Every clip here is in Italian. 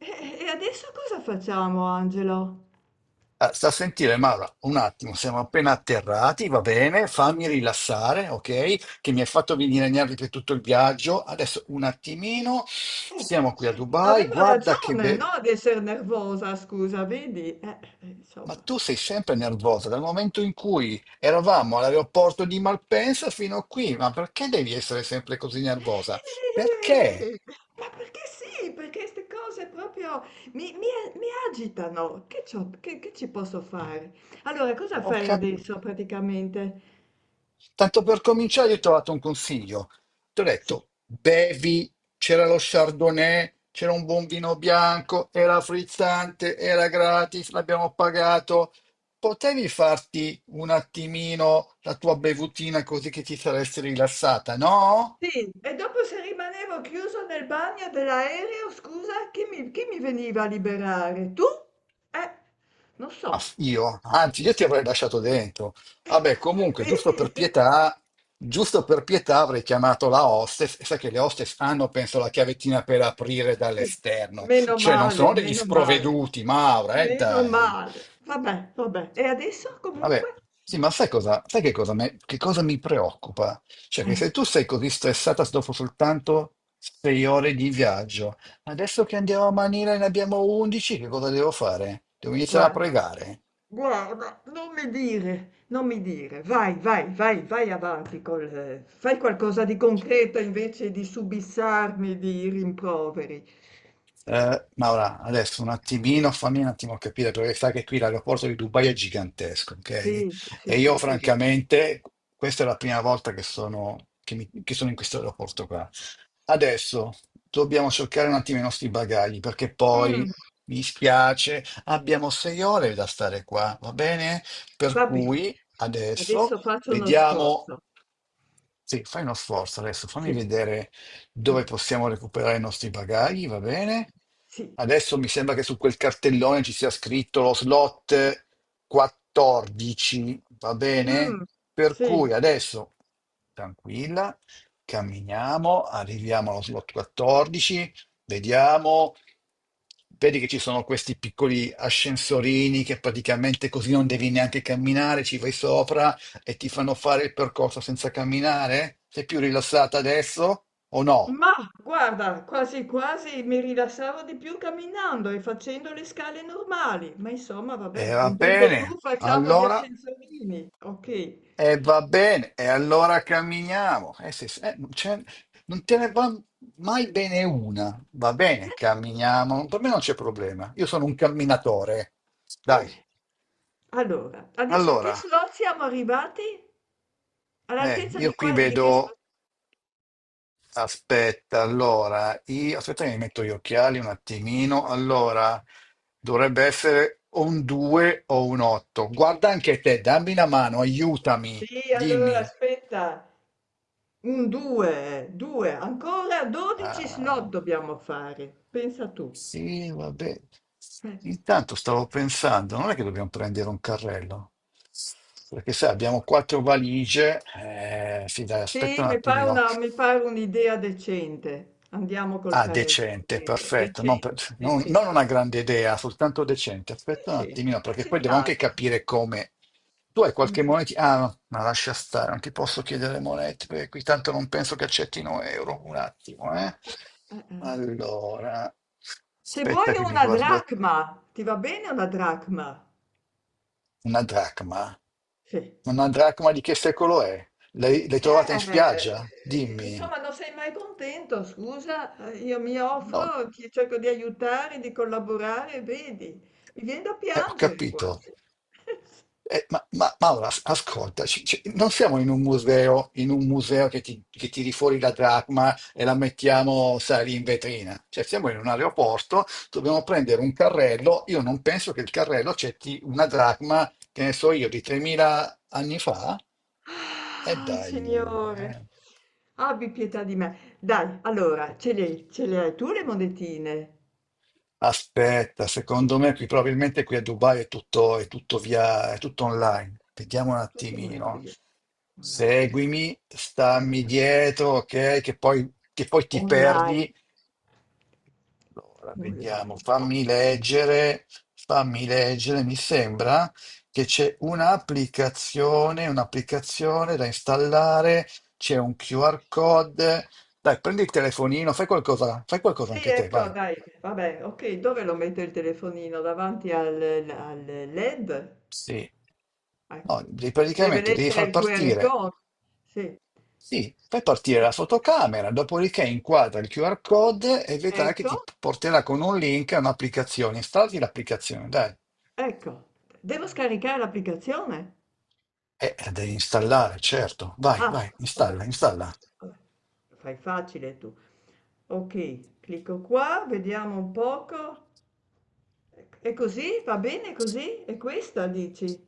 E e adesso cosa facciamo, Angelo? Ah, sta a sentire, Maura, un attimo, siamo appena atterrati, va bene, fammi rilassare, ok? Che mi hai fatto venire nervi per tutto il viaggio. Adesso un attimino, siamo qui a Dubai, Avevo guarda che ragione, bello. no, di essere nervosa, scusa, vedi? Ma Insomma. tu sei sempre nervosa dal momento in cui eravamo all'aeroporto di Malpensa fino a qui, ma perché devi essere sempre così nervosa? Perché? Eh, Ma perché sì? Perché queste cose proprio mi, mi- mi agitano. Che ci posso fare? Allora, cosa Ho fai capito. adesso praticamente? Tanto per cominciare, io ti ho dato un consiglio. Ti ho Sì. detto, bevi, c'era lo Chardonnay, c'era un buon vino bianco, era frizzante, era gratis, l'abbiamo pagato. Potevi farti un attimino la tua bevutina così che ti saresti rilassata, no? Sì, e dopo se rimanevo chiuso nel bagno dell'aereo, scusa, chi mi veniva a liberare? Tu? Eh, non so. Io? Anzi, io ti avrei lasciato dentro. Vabbè, Come comunque, giusto vedi? per pietà, giusto per pietà avrei chiamato la hostess, e sai che le hostess hanno, penso, la chiavettina per aprire Sì. dall'esterno. Meno Cioè, non sono male, degli meno male, sprovveduti, Maura, meno dai. male. Vabbè, vabbè. E adesso Vabbè, comunque? sì, ma sai cosa, sai che cosa, che cosa mi preoccupa? Cioè, che Eh, se tu sei così stressata dopo soltanto 6 ore di viaggio, adesso che andiamo a Manila e ne abbiamo 11, che cosa devo fare? Devo iniziare a guarda, pregare. guarda, non mi dire, non mi dire. Vai, vai, vai, vai avanti col... Fai qualcosa di concreto invece di subissarmi di rimproveri. Maura, adesso un attimino, fammi un attimo capire, perché sai che qui l'aeroporto di Dubai è gigantesco, ok? Sì, sì, E sì, io questo è vero. francamente, questa è la prima volta che sono in questo aeroporto qua. Adesso dobbiamo cercare un attimo i nostri bagagli, perché poi, Mm, mi spiace, abbiamo 6 ore da stare qua, va bene? Per va bene. cui Adesso adesso faccio uno vediamo. sforzo. Sì, fai uno sforzo adesso, fammi Sì. vedere Mm. dove possiamo recuperare i nostri bagagli, va bene? Sì, Adesso mi sembra che su quel cartellone ci sia scritto lo slot 14, va bene? mh, Per sì, cui adesso, tranquilla, camminiamo, arriviamo allo slot 14, vediamo, vedi che ci sono questi piccoli ascensorini che praticamente così non devi neanche camminare, ci vai sopra e ti fanno fare il percorso senza camminare? Sei più rilassata adesso o no? ma guarda, quasi quasi mi rilassavo di più camminando e facendo le scale normali, ma insomma va E bene, va contento tu, bene, facciamo gli allora ascensorini, ok. E va bene, e allora camminiamo. Non te ne va mai bene una. Va bene, camminiamo. Per me non c'è problema. Io sono un camminatore. Dai, Vabbè. Allora, adesso a che allora, slot siamo arrivati? All'altezza di, io qui qua, di che vedo. slot? Aspetta, allora, aspetta che mi metto gli occhiali un attimino. Allora, dovrebbe essere o un 2 o un 8. Guarda anche te, dammi una mano, aiutami, Sì, allora dimmi. aspetta, un 2, 2, ancora 12 slot Ah, dobbiamo fare, pensa tu. sì, vabbè. Eh. Intanto stavo pensando, non è che dobbiamo prendere un carrello, perché sai, abbiamo quattro valigie, sì, dai, aspetta Sì, un attimino. Mi pare un'idea decente. Andiamo col Ah, Carello, decente, meglio. perfetto. Non, per- Decente, non- Non decente, una grande idea, soltanto decente. Aspetta un sì. attimino, Decente, perché poi devo anche accettabile. capire come. Tu hai Come qualche si... moneta? Ah, no, ma lascia stare, non ti posso chiedere monete, perché qui tanto non penso che accettino euro. Un attimo, eh. Eh, eh. Allora, Se vuoi aspetta che mi una guardo dracma, ti va bene una dracma? una dracma. Sì. Una dracma di che secolo è? L'hai trovata in spiaggia? Dimmi. Insomma, non sei mai contento, scusa. Io mi No, offro, ti cerco di aiutare, di collaborare, vedi, mi viene da ho piangere capito. quasi. Ma Maura, ascolta, non siamo in un museo che tiri fuori la dracma e la mettiamo, sai, lì in vetrina. Cioè, siamo in un aeroporto, dobbiamo prendere un carrello. Io non penso che il carrello accetti una dracma, che ne so io, di 3.000 anni fa. E Ah, dai, Signore, eh. abbi pietà di me. Dai, allora, ce le hai tu le monetine? Aspetta, secondo me qui probabilmente qui a Dubai è tutto via, è tutto online. Vediamo un Tutto online, attimino. vedi? Online, Seguimi, stammi online, dietro, ok? Che poi ti online, perdi. Allora, vediamo, online. Oh, fammi leggere. Mi sembra che c'è un'applicazione da installare, c'è un QR code. Dai, prendi il telefonino, fai qualcosa sì, anche te, ecco, vai. dai, vabbè, ok, dove lo metto il telefonino? Al LED? Sì. Ecco. No, Deve praticamente devi leggere far il QR partire, code. Sì. sì, fai partire Sì. la fotocamera, dopodiché inquadra il QR code e vedrai che Ecco, ti porterà con un link a un'applicazione. Installati l'applicazione, dai. ecco. Devo scaricare l'applicazione? La devi installare, certo. Vai, Ah, vai, vabbè, installa, vabbè, installa. vabbè. Lo fai facile tu. Ok, clicco qua, vediamo un poco. E così? Va bene così? E questa dici?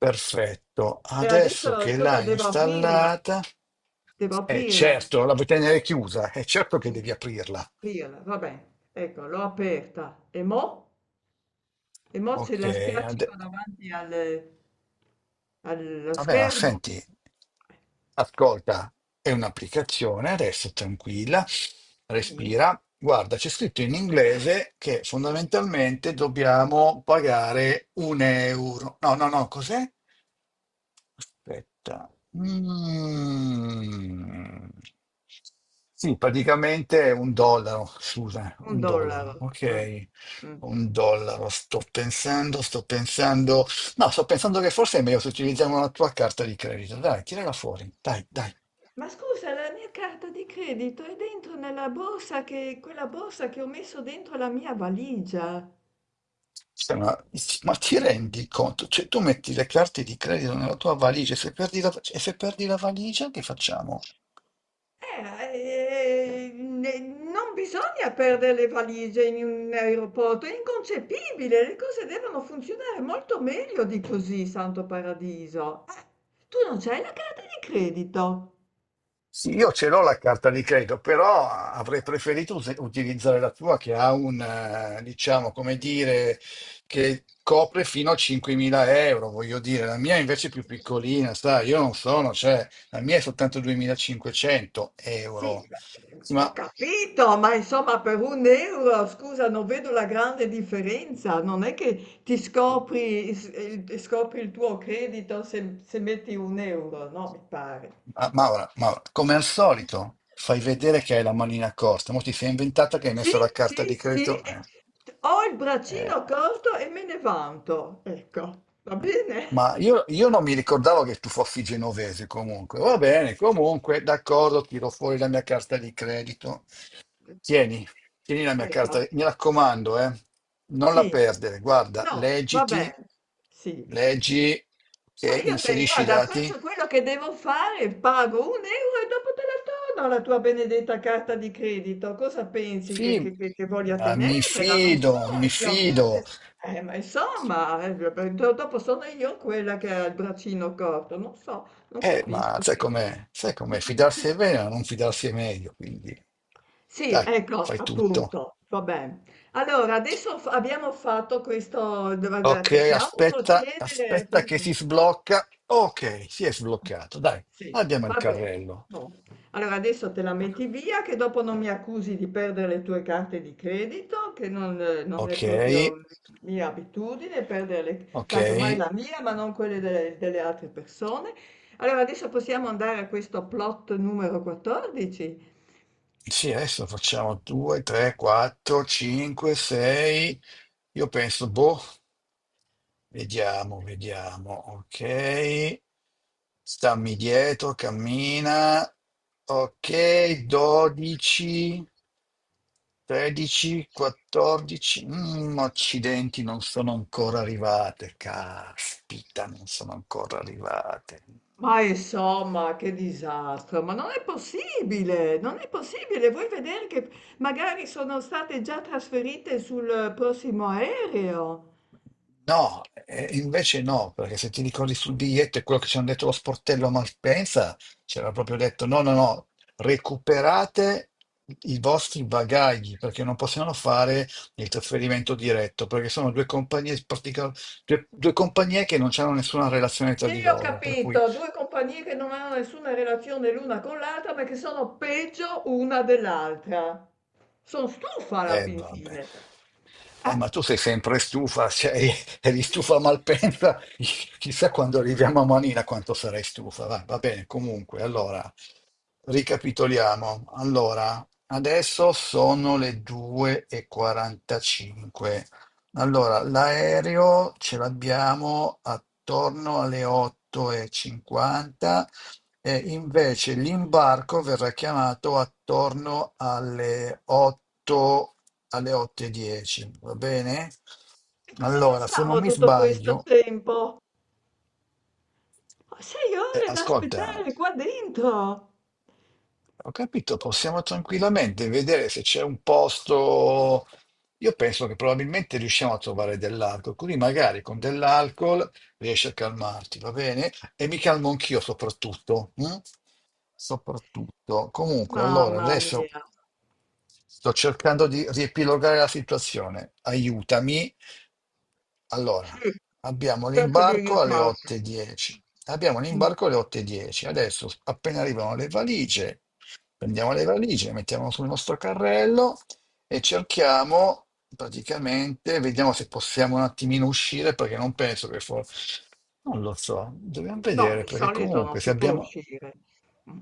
Perfetto. E adesso Adesso che cosa l'hai devo aprirla? installata, Devo è aprirla. certo, la vuoi tenere chiusa, è certo che devi aprirla. Aprirla, vabbè. Ecco, l'ho aperta. E mo? E mo ce Ok, la spiaccico ade- davanti al- allo vabbè, ma schermo. senti, ascolta, è un'applicazione, adesso tranquilla, Sì. respira. Guarda, c'è scritto in inglese che Sì, fondamentalmente dobbiamo pagare un euro. No, no, no, cos'è? Aspetta. Mm. Sì, praticamente è un dollaro, scusa, un un dollaro. dollaro, Mm, ok. mm. Un dollaro, sto pensando. No, sto pensando che forse è meglio se utilizziamo la tua carta di credito. Dai, tirala fuori, dai, dai. Ma scusa, la mia carta di credito è dentro nella borsa, che, quella borsa che ho messo dentro la mia valigia. Cioè, Ma ti rendi conto? Cioè, tu metti le carte di credito nella tua valigia, e se perdi la valigia, che facciamo? Non bisogna perdere le valigie in un aeroporto, è inconcepibile, le cose devono funzionare molto meglio di così, santo paradiso. Tu non c'hai la carta di credito? Sì, io ce l'ho la carta di credito, però avrei preferito utilizzare la tua che ha un, diciamo, come dire, che copre fino a 5.000 euro, voglio dire. La mia invece è più piccolina, sai, io non sono, cioè, la mia è soltanto 2.500 Sì, euro. beh, Sì, ho capito, ma insomma per un euro, scusa, non vedo la grande differenza. Non è che ti scopri, s- il- scopri il tuo credito se, se metti un euro, no? Mi pare. Maura, Maura, come al solito, fai vedere che hai la manina corta, ma ti sei inventata che hai Sì, messo la carta sì, di sì, credito? Ho il Eh. braccino corto e me ne vanto. Ecco, va bene? Ma io non mi ricordavo che tu fossi genovese comunque. Va bene, comunque, d'accordo, tiro fuori la mia carta di credito. Tieni, tieni la mia Ecco, carta, mi raccomando, eh. Non la sì. perdere, guarda, No, va bene. Sì. leggi, Ma che io te, inserisci i guarda, dati. faccio quello che devo fare, pago un euro e dopo te la torno la tua benedetta carta di credito. Cosa pensi, Sì, che voglia ma mi tenermela? Non so fido, mi io. fido. Quante... ma insomma, beh, dopo sono io quella che ha il braccino corto. Non so, non Ma capisco sai queste cose. com'è? Sai com'è? Fidarsi è bene, ma non fidarsi è meglio, quindi Sì, dai, ecco, fai tutto. appunto, va bene. Allora, adesso abbiamo fatto questo, Ok, possiamo aspetta, procedere? aspetta che si sblocca. Ok, si è sbloccato. Dai, Sì, abbiamo il vabbè. carrello. No. Allora adesso te la metti via, che dopo non mi accusi di perdere le tue carte di credito, che non, non è Ok, proprio mia abitudine perdere le, ok. casomai la mia, ma non quelle delle, delle altre persone. Allora adesso possiamo andare a questo plot numero 14. Sì, adesso facciamo 2, 3, 4, 5, 6. Io penso, boh, vediamo, vediamo. Ok. Stammi dietro, cammina. Ok, 12, 13, 14. Accidenti, non sono ancora arrivate. Caspita, non sono ancora arrivate. Ma insomma, che disastro, ma non è possibile, non è possibile. Vuoi vedere che magari sono state già trasferite sul prossimo aereo? No, invece no, perché se ti ricordi sul biglietto e quello che ci hanno detto lo sportello a Malpensa, c'era proprio detto no, no, no, recuperate i vostri bagagli perché non possiamo fare il trasferimento diretto, perché sono due compagnie, due compagnie che non hanno nessuna relazione tra Sì, di ho loro, per cui, capito, 2 compagnie che non hanno nessuna relazione l'una con l'altra, ma che sono peggio una dell'altra. Sono stufa alla fin vabbè. fine. Eh, Ma tu sei sempre stufa, eri stufa a Malpensa, chissà quando arriviamo a Manila quanto sarai stufa. Va bene, comunque, allora, ricapitoliamo. Allora, adesso sono le 2:45. Allora, l'aereo ce l'abbiamo attorno alle 8:50 e invece l'imbarco verrà chiamato attorno alle 8, alle 8 e 10, va bene? e cosa Allora, se non facciamo mi tutto questo sbaglio, tempo? 6 ore da ascolta, aspettare qua dentro. ho capito, possiamo tranquillamente vedere se c'è un posto. Io penso che probabilmente riusciamo a trovare dell'alcol, quindi magari con dell'alcol riesci a calmarti, va bene? E mi calmo anch'io soprattutto. Mm? Soprattutto. Comunque, allora, Mamma adesso mia. sto cercando di riepilogare la situazione. Aiutami Sì, allora, abbiamo cerco di l'imbarco alle aiutarti. 8:10. Abbiamo Mm. l'imbarco alle 8:10. Adesso, appena arrivano le valigie, prendiamo le valigie, le mettiamo sul nostro carrello e cerchiamo, praticamente, vediamo se possiamo un attimino uscire, perché non penso che forse. Non lo so, dobbiamo No, vedere, di perché solito non comunque se si può abbiamo. uscire. Mm.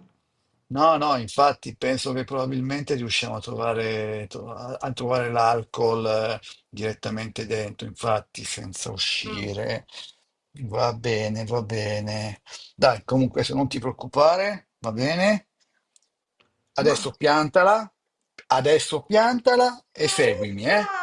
No, no, infatti penso che probabilmente riusciamo a trovare, a trovare l'alcol direttamente dentro, infatti senza Mm. uscire. Va bene, va bene. Dai, comunque se non ti preoccupare, va bene. Ma Adesso piantala, adesso piantala e Ma seguimi, uffa! eh?